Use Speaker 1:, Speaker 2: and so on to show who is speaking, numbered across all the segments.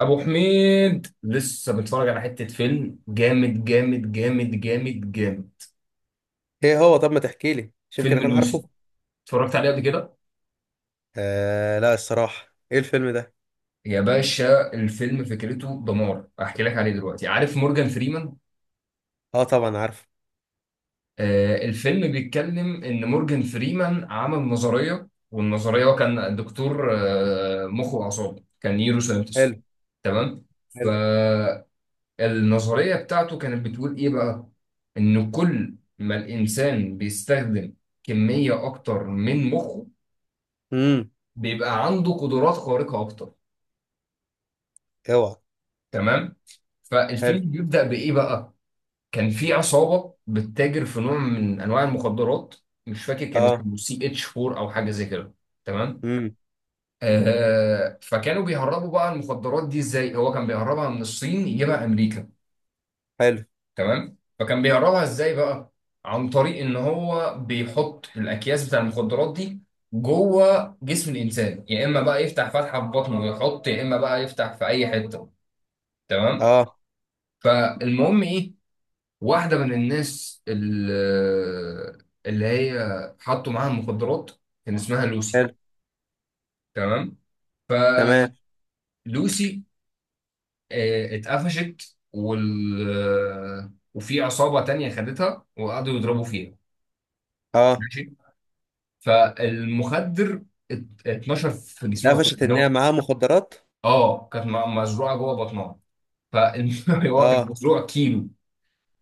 Speaker 1: ابو حميد لسه متفرج على حته فيلم جامد جامد جامد جامد جامد.
Speaker 2: ايه هو طب ما تحكي لي، مش يمكن
Speaker 1: فيلم
Speaker 2: اكون عارفه؟
Speaker 1: لوسي، اتفرجت عليه قبل كده.
Speaker 2: آه لا، الصراحه، ايه الفيلم ده؟
Speaker 1: يا باشا الفيلم فكرته دمار، احكي لك عليه دلوقتي. عارف مورجان فريمان؟
Speaker 2: اه، طبعا عارفه.
Speaker 1: الفيلم بيتكلم ان مورجان فريمان عمل نظريه، والنظريه هو كان دكتور مخ واعصاب، كان نيورو ساينتست.
Speaker 2: حلو.
Speaker 1: تمام.
Speaker 2: حلو.
Speaker 1: النظرية بتاعته كانت بتقول إيه بقى؟ إن كل ما الإنسان بيستخدم كمية أكتر من مخه،
Speaker 2: امم.
Speaker 1: بيبقى عنده قدرات خارقة أكتر.
Speaker 2: اوعى.
Speaker 1: تمام؟
Speaker 2: حلو.
Speaker 1: فالفيلم بيبدأ بإيه بقى؟ كان في عصابة بتتاجر في نوع من أنواع المخدرات، مش فاكر كان
Speaker 2: اه.
Speaker 1: اسمه سي اتش 4 أو حاجة زي كده. تمام؟
Speaker 2: امم.
Speaker 1: فكانوا بيهربوا بقى المخدرات دي إزاي؟ هو كان بيهربها من الصين يجيبها أمريكا.
Speaker 2: حلو.
Speaker 1: تمام. فكان بيهربها ازاي بقى؟ عن طريق ان هو بيحط الاكياس بتاع المخدرات دي جوه جسم الانسان، يا اما بقى يفتح فتحه في بطنه ويحط، يا اما بقى يفتح في اي حته. تمام.
Speaker 2: اه.
Speaker 1: فالمهم ايه، واحده من الناس اللي هي حطوا معاها المخدرات كان اسمها لوسي.
Speaker 2: حلو.
Speaker 1: تمام.
Speaker 2: تمام.
Speaker 1: فلوسي اتقفشت، وال وفي عصابه تانية خدتها وقعدوا يضربوا فيها.
Speaker 2: اه،
Speaker 1: ماشي. فالمخدر اتنشر في جسمها كله،
Speaker 2: اتقفشت
Speaker 1: يعني
Speaker 2: ان هي
Speaker 1: هو.
Speaker 2: معاها مخدرات.
Speaker 1: اه، كانت مزروعه جوه بطنها، فهو كان
Speaker 2: اه.
Speaker 1: مزروع كيلو.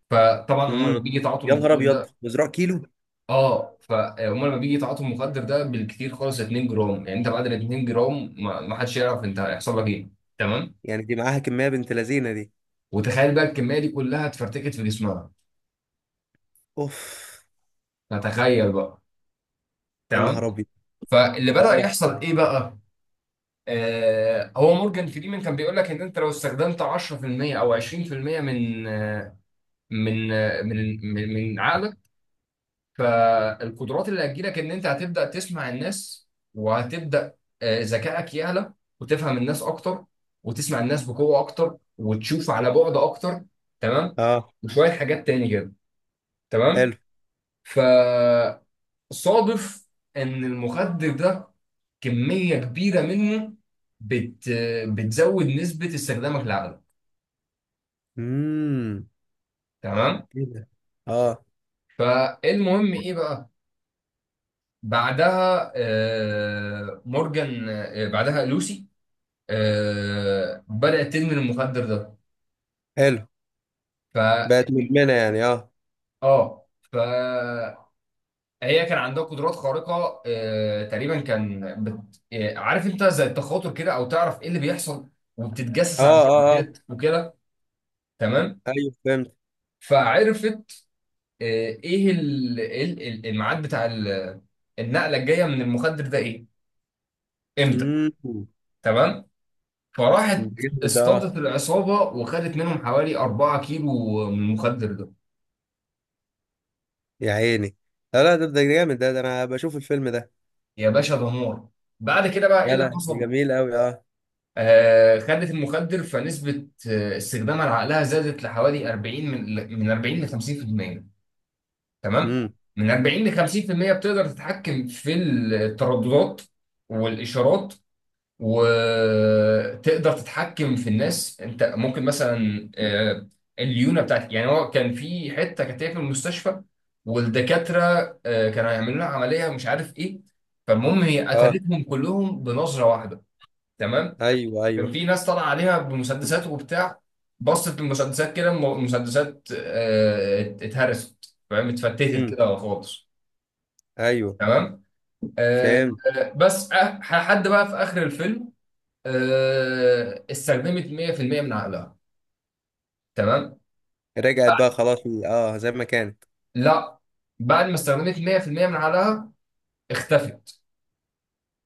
Speaker 1: فطبعا هم لما
Speaker 2: امم.
Speaker 1: بيجي يتعاطوا
Speaker 2: يا نهار
Speaker 1: المخدر
Speaker 2: ابيض،
Speaker 1: ده،
Speaker 2: مزروع كيلو!
Speaker 1: اه فهم لما بيجي يتعاطوا المخدر ده بالكتير خالص 2 جرام، يعني انت بعد ال 2 جرام ما حدش يعرف انت هيحصل لك ايه. تمام.
Speaker 2: يعني دي معاها كميه، بنت لذينه دي!
Speaker 1: وتخيل بقى الكميه دي كلها اتفرتكت في جسمها.
Speaker 2: اوف.
Speaker 1: فتخيل بقى.
Speaker 2: يا
Speaker 1: تمام.
Speaker 2: نهار ابيض.
Speaker 1: فاللي بدأ
Speaker 2: اه،
Speaker 1: يحصل ايه بقى؟ هو مورجان فريمان كان بيقول لك ان انت لو استخدمت 10% او 20% من آه، من آه، من من من عقلك، فالقدرات اللي هتجيلك ان انت هتبدا تسمع الناس، وهتبدا آه، ذكائك يعلى، وتفهم الناس اكتر، وتسمع الناس بقوه اكتر، وتشوف على بعد اكتر. تمام.
Speaker 2: اه.
Speaker 1: وشويه حاجات تاني كده. تمام.
Speaker 2: حلو.
Speaker 1: فصادف ان المخدر ده كميه كبيره منه بت بتزود نسبه استخدامك للعقل.
Speaker 2: امم.
Speaker 1: تمام.
Speaker 2: ايه ده؟ اه.
Speaker 1: فالمهم ايه بقى، بعدها لوسي بدات تدمن المخدر ده.
Speaker 2: حلو.
Speaker 1: ف
Speaker 2: بقت مدمنه يعني، اه،
Speaker 1: اه فهي كان عندها قدرات خارقه، تقريبا كان بت... آه، عارف انت زي التخاطر كده، او تعرف ايه اللي بيحصل
Speaker 2: اه،
Speaker 1: وبتتجسس على
Speaker 2: اه. اه.
Speaker 1: الشبكات وكده. تمام.
Speaker 2: ايوه، فهمت.
Speaker 1: فعرفت آه، ايه الميعاد بتاع النقله الجايه من المخدر ده ايه، امتى.
Speaker 2: امم.
Speaker 1: تمام. فراحت
Speaker 2: جامد ده، اه.
Speaker 1: اصطادت العصابه وخدت منهم حوالي 4 كيلو من المخدر ده.
Speaker 2: يا عيني. لا لا، ده جامد ده، ده انا بشوف الفيلم ده.
Speaker 1: يا باشا دمار. بعد كده بقى ايه
Speaker 2: لا
Speaker 1: اللي
Speaker 2: لا، ده
Speaker 1: حصل؟
Speaker 2: جميل قوي، اه.
Speaker 1: خدت المخدر، فنسبه استخدامها لعقلها زادت لحوالي 40، من 40 ل 50%. تمام.
Speaker 2: امم.
Speaker 1: من 40 ل 50% بتقدر تتحكم في الترددات والاشارات، وتقدر تتحكم في الناس. انت ممكن مثلا، الليونه بتاعت يعني هو كان في حته كانت هي في المستشفى، والدكاتره كانوا هيعملوا لها عمليه مش عارف ايه، فالمهم هي
Speaker 2: اه.
Speaker 1: قتلتهم كلهم بنظره واحده. تمام.
Speaker 2: ايوه،
Speaker 1: كان
Speaker 2: ايوه.
Speaker 1: في ناس طالعه عليها بمسدسات وبتاع، بصت المسدسات كده المسدسات اتهرست، فاهم، اتفتتت
Speaker 2: امم.
Speaker 1: كده خالص.
Speaker 2: ايوه.
Speaker 1: تمام. آه،
Speaker 2: فاهم.
Speaker 1: بس حد بقى في اخر الفيلم استخدمت 100% من عقلها. تمام.
Speaker 2: رجعت بقى خلاص؟ اه، زي ما كانت.
Speaker 1: لا، بعد ما استخدمت 100% من عقلها اختفت.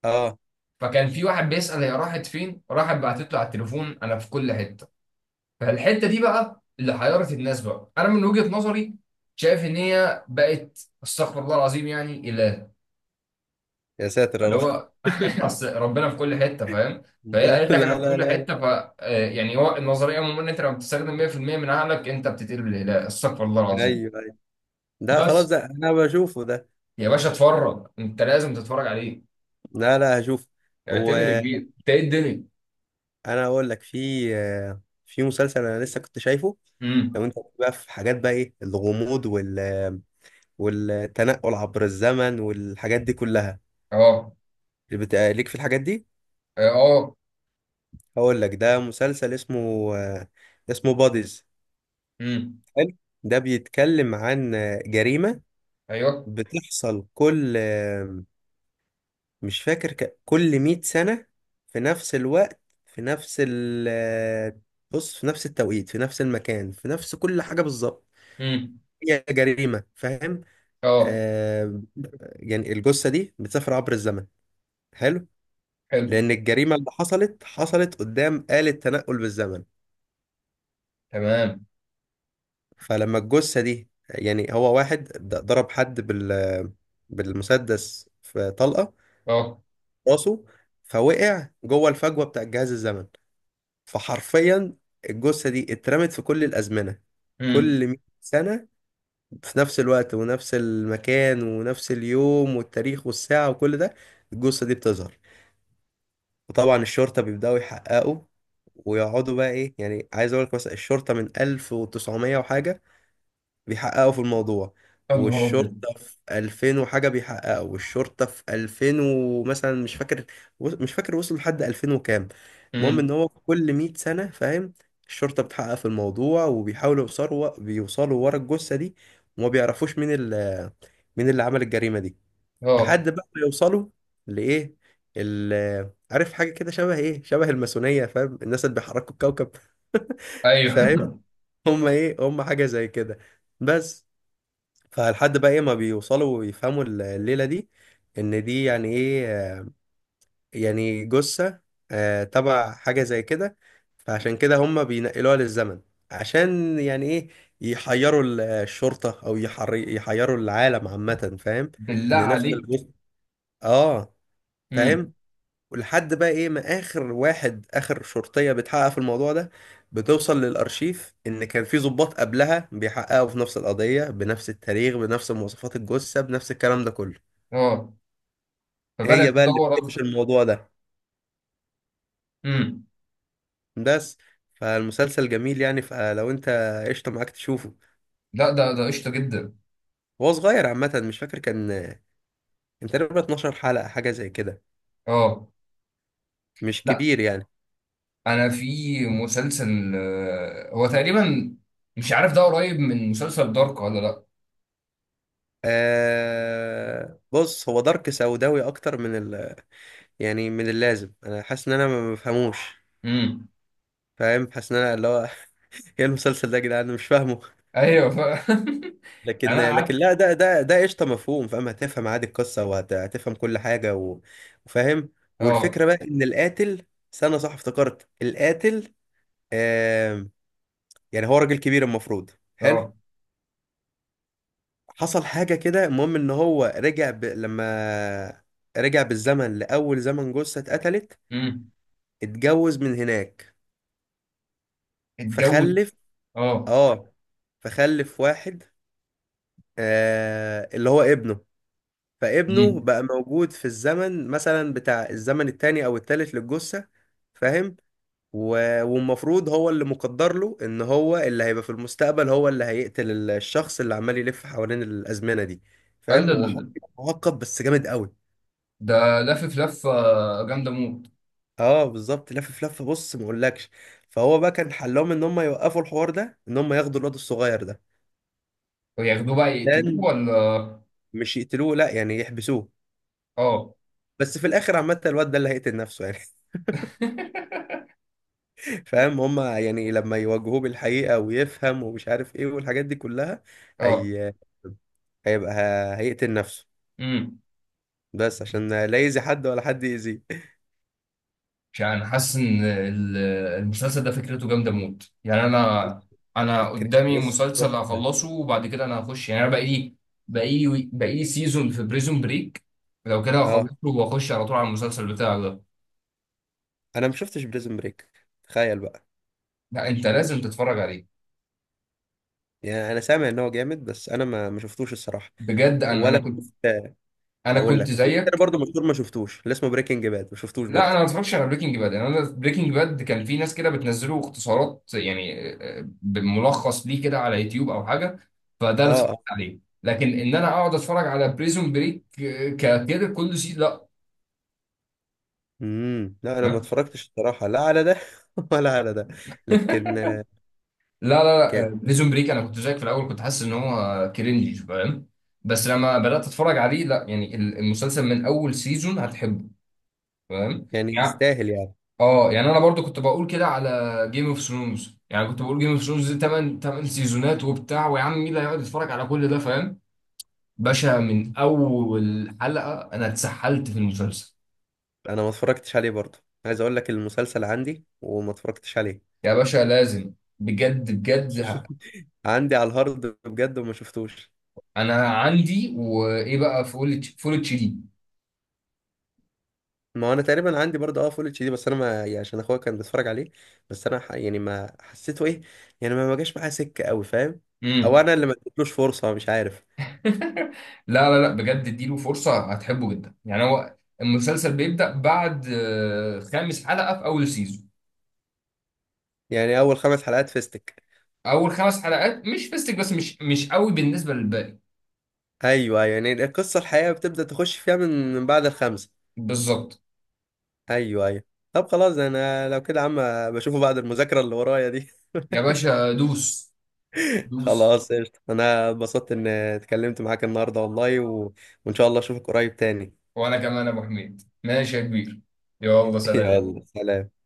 Speaker 2: اه.
Speaker 1: فكان في واحد بيسأل هي راحت فين، راحت بعتت له على التليفون انا في كل حتة. فالحتة دي بقى اللي حيرت الناس بقى. انا من وجهة نظري شايف ان هي بقت استغفر الله العظيم يعني اله،
Speaker 2: يا ساتر يا
Speaker 1: اللي
Speaker 2: رب.
Speaker 1: هو اصل ربنا في كل حتة، فاهم. فهي
Speaker 2: لا،
Speaker 1: قالت لك انا
Speaker 2: لا،
Speaker 1: في
Speaker 2: لا،
Speaker 1: كل
Speaker 2: لا.
Speaker 1: حتة. يعني هو النظرية عموما ان انت لما بتستخدم 100% من عقلك انت بتتقلب الاله استغفر الله
Speaker 2: لا،
Speaker 1: العظيم.
Speaker 2: ايوه، ايوه. ده خلاص،
Speaker 1: بس
Speaker 2: ده انا بشوفه ده.
Speaker 1: يا باشا اتفرج، انت لازم تتفرج عليه.
Speaker 2: لا لا، هشوف.
Speaker 1: اعتمد يا
Speaker 2: وانا
Speaker 1: كبير، انت ايه الدنيا.
Speaker 2: اقول لك، في مسلسل انا لسه كنت شايفه.
Speaker 1: امم.
Speaker 2: لو انت بقى في حاجات، بقى ايه الغموض، وال... والتنقل عبر الزمن والحاجات دي كلها.
Speaker 1: اه،
Speaker 2: ليك في الحاجات دي.
Speaker 1: اه، آه.
Speaker 2: هقول لك، ده مسلسل اسمه... آه، اسمه باديز.
Speaker 1: امم.
Speaker 2: حلو. ده بيتكلم عن جريمة
Speaker 1: ايوه.
Speaker 2: بتحصل كل، مش فاكر كل 100 سنة، في نفس الوقت، في نفس ال آه، بص في نفس التوقيت، في نفس المكان، في نفس كل حاجة بالظبط.
Speaker 1: امم.
Speaker 2: هي جريمة، فاهم؟
Speaker 1: اه.
Speaker 2: آه. يعني الجثة دي بتسافر عبر الزمن. حلو.
Speaker 1: حلو.
Speaker 2: لأن الجريمة اللي حصلت، حصلت قدام آلة تنقل بالزمن.
Speaker 1: تمام.
Speaker 2: فلما الجثة دي، يعني هو واحد ضرب حد بالمسدس في طلقة
Speaker 1: اه.
Speaker 2: راسه، فوقع جوه الفجوة بتاع الجهاز الزمن. فحرفيا، الجثة دي اترمت في كل الأزمنة.
Speaker 1: امم.
Speaker 2: كل 100 سنة، في نفس الوقت ونفس المكان ونفس اليوم والتاريخ والساعة وكل ده، الجثة دي بتظهر. وطبعا الشرطة بيبدأوا يحققوا، ويقعدوا بقى، ايه يعني، عايز اقول لك مثلا الشرطة من 1900 وحاجة بيحققوا في الموضوع،
Speaker 1: يا نهار ابيض.
Speaker 2: والشرطة في 2000 وحاجة بيحققوا، والشرطة في 2000 ومثلا مش فاكر، مش فاكر وصل لحد 2000 وكام. المهم ان
Speaker 1: امم.
Speaker 2: هو كل 100 سنة، فاهم؟ الشرطة بتحقق في الموضوع وبيحاولوا يوصلوا، بيوصلوا ورا الجثة دي. وما بيعرفوش مين ال... مين اللي عمل الجريمة دي.
Speaker 1: اه.
Speaker 2: لحد بقى ما يوصلوا لإيه؟ ال عارف حاجة كده، شبه إيه، شبه الماسونية، فاهم؟ الناس اللي بيحركوا الكوكب.
Speaker 1: ايوه.
Speaker 2: فاهم؟ هم إيه، هم حاجة زي كده. بس. فلحد بقى ايه ما بيوصلوا ويفهموا الليلة دي، ان دي يعني ايه، يعني جثة تبع حاجة زي كده. فعشان كده هم بينقلوها للزمن، عشان يعني ايه، يحيروا الشرطة، او يحيروا العالم عامة، فاهم؟
Speaker 1: بالله
Speaker 2: ان نفس
Speaker 1: عليك.
Speaker 2: الجثة. اه.
Speaker 1: امم.
Speaker 2: فاهم. ولحد بقى ايه، ما اخر شرطية بتحقق في الموضوع ده، بتوصل للارشيف ان كان في ضباط قبلها بيحققوا في نفس القضية، بنفس التاريخ، بنفس مواصفات الجثة، بنفس الكلام ده كله.
Speaker 1: اه. فبدأت
Speaker 2: هي بقى اللي
Speaker 1: تدور
Speaker 2: بتقفش
Speaker 1: اكتر.
Speaker 2: الموضوع ده.
Speaker 1: امم.
Speaker 2: بس. فالمسلسل جميل يعني، فلو انت قشطة معاك تشوفه.
Speaker 1: لا، ده قشطه جدا.
Speaker 2: هو صغير عامة، مش فاكر كان تقريبا 12 حلقة، حاجة زي كده.
Speaker 1: اه.
Speaker 2: مش
Speaker 1: لا،
Speaker 2: كبير يعني.
Speaker 1: انا في مسلسل هو تقريبا، مش عارف ده قريب من مسلسل دارك ولا لا.
Speaker 2: آه، بص، هو دارك سوداوي اكتر من ال... يعني من اللازم، انا حاسس ان انا ما بفهموش.
Speaker 1: امم.
Speaker 2: فاهم، حاسس ان انا اللي هو... ايه المسلسل ده يا جدعان، انا مش فاهمه!
Speaker 1: ايوه.
Speaker 2: لكن
Speaker 1: انا
Speaker 2: لكن
Speaker 1: قعدت.
Speaker 2: لا، ده قشطه، مفهوم، فاهم، هتفهم عادي القصه، وهتفهم كل حاجه وفاهم.
Speaker 1: اه،
Speaker 2: والفكره بقى ان القاتل... استنى، صح، افتكرت القاتل، آم، يعني هو راجل كبير المفروض. حلو.
Speaker 1: اه.
Speaker 2: حصل حاجه كده، المهم ان هو رجع لما رجع بالزمن لاول زمن جثه اتقتلت،
Speaker 1: امم.
Speaker 2: اتجوز من هناك،
Speaker 1: اتجوز.
Speaker 2: فخلف.
Speaker 1: اه.
Speaker 2: اه. فخلف واحد اللي هو ابنه. فابنه
Speaker 1: امم.
Speaker 2: بقى موجود في الزمن مثلا، بتاع الزمن التاني او التالت للجثة، فاهم. والمفروض هو اللي مقدر له ان هو اللي هيبقى في المستقبل، هو اللي هيقتل الشخص اللي عمال يلف حوالين الازمنة دي،
Speaker 1: قال
Speaker 2: فاهم.
Speaker 1: لا لا
Speaker 2: هو حوار
Speaker 1: لا.
Speaker 2: كده معقد، بس جامد قوي.
Speaker 1: ده لافف لفه جامده موت.
Speaker 2: اه بالظبط، لف لفه، بص ما اقولكش. فهو بقى كان حلهم ان هم يوقفوا الحوار ده، ان هم ياخدوا الواد الصغير ده.
Speaker 1: وياخدوه بقى يقتلوه
Speaker 2: لان...
Speaker 1: ولا؟
Speaker 2: مش يقتلوه، لا يعني يحبسوه.
Speaker 1: اه.
Speaker 2: بس في الاخر عامه الواد ده اللي هيقتل نفسه يعني. فاهم، هما يعني لما يواجهوه بالحقيقة، ويفهم، ومش عارف ايه والحاجات دي كلها.
Speaker 1: اه.
Speaker 2: هي... هيبقى... هيقتل نفسه.
Speaker 1: امم.
Speaker 2: بس عشان لا يأذي حد ولا حد يأذيه.
Speaker 1: مش عارف، انا حاسس ان المسلسل ده فكرته جامده موت، يعني انا. انا
Speaker 2: فكرة
Speaker 1: قدامي
Speaker 2: بص
Speaker 1: مسلسل
Speaker 2: تحفة.
Speaker 1: هخلصه، وبعد كده انا هخش، يعني انا بقى لي سيزون في بريزون بريك، لو كده
Speaker 2: اه،
Speaker 1: هخلصه واخش على طول على المسلسل بتاعه ده.
Speaker 2: انا ما شفتش بريزن بريك. تخيل بقى.
Speaker 1: لا انت لازم تتفرج عليه،
Speaker 2: يعني انا سامع ان هو جامد، بس انا ما شفتوش الصراحة.
Speaker 1: بجد. انا انا
Speaker 2: ولا
Speaker 1: كنت
Speaker 2: شفت.
Speaker 1: انا
Speaker 2: اقول
Speaker 1: كنت
Speaker 2: لك، وفي كتير
Speaker 1: زيك.
Speaker 2: برضه مشهور ما شفتوش، اللي اسمه بريكنج باد ما شفتوش
Speaker 1: لا
Speaker 2: برضه.
Speaker 1: انا ما اتفرجتش على بريكنج باد. انا بريكنج باد كان في ناس كده بتنزله اختصارات يعني، بملخص ليه كده على يوتيوب او حاجه، فده
Speaker 2: اه،
Speaker 1: اللي اتفرجت
Speaker 2: اه.
Speaker 1: عليه. لكن ان انا اقعد اتفرج على بريزون بريك كده كل سي لا.
Speaker 2: امم. لا، انا ما
Speaker 1: فاهم؟
Speaker 2: اتفرجتش الصراحة، لا على ده. ولا على ده. لكن
Speaker 1: لا لا لا، بريزون بريك انا كنت زيك في الاول، كنت حاسس ان هو كرنجي، فاهم. بس لما بدات اتفرج عليه، لا يعني المسلسل من اول سيزون هتحبه، فاهم.
Speaker 2: يعني، يستاهل يعني؟
Speaker 1: اه، يعني انا برضو كنت بقول كده على جيم اوف ثرونز، يعني كنت بقول جيم اوف ثرونز دي 8 8 سيزونات وبتاع، ويا عم مين اللي هيقعد يتفرج على كل ده، فاهم. باشا من اول حلقة انا اتسحلت في المسلسل.
Speaker 2: انا ما اتفرجتش عليه برضه. عايز اقول لك، المسلسل عندي وما اتفرجتش عليه.
Speaker 1: يا باشا لازم، بجد بجد
Speaker 2: عندي على الهارد بجد وما شفتوش.
Speaker 1: انا عندي، وايه بقى، فول اتش دي.
Speaker 2: ما انا تقريبا عندي برضه، اه، فول اتش دي، بس انا ما يعني، عشان اخويا كان بيتفرج عليه. بس انا يعني ما حسيته ايه. يعني ما جاش معايا سكه قوي، فاهم؟ او
Speaker 1: امم.
Speaker 2: انا اللي ما اديتلوش فرصه، مش عارف.
Speaker 1: لا لا لا، بجد اديله فرصة، هتحبه جدا. يعني هو المسلسل بيبدأ بعد خامس حلقة في اول سيزون.
Speaker 2: يعني، اول خمس حلقات فيستك؟
Speaker 1: اول خمس حلقات مش فيستك، بس مش قوي بالنسبة للباقي.
Speaker 2: ايوه، أيوه. يعني القصه الحقيقه بتبدا تخش فيها من بعد الخمسه.
Speaker 1: بالظبط.
Speaker 2: ايوه، ايوه. طب خلاص، انا لو كده يا عم، بشوفه بعد المذاكره اللي ورايا دي.
Speaker 1: يا باشا دوس، دوس.
Speaker 2: خلاص قشطة، انا اتبسطت ان اتكلمت معاك النهارده والله، و... وان شاء الله اشوفك قريب تاني.
Speaker 1: وانا كمان يا ابو حميد، ماشي يا كبير. يلا سلام.
Speaker 2: يلا سلام.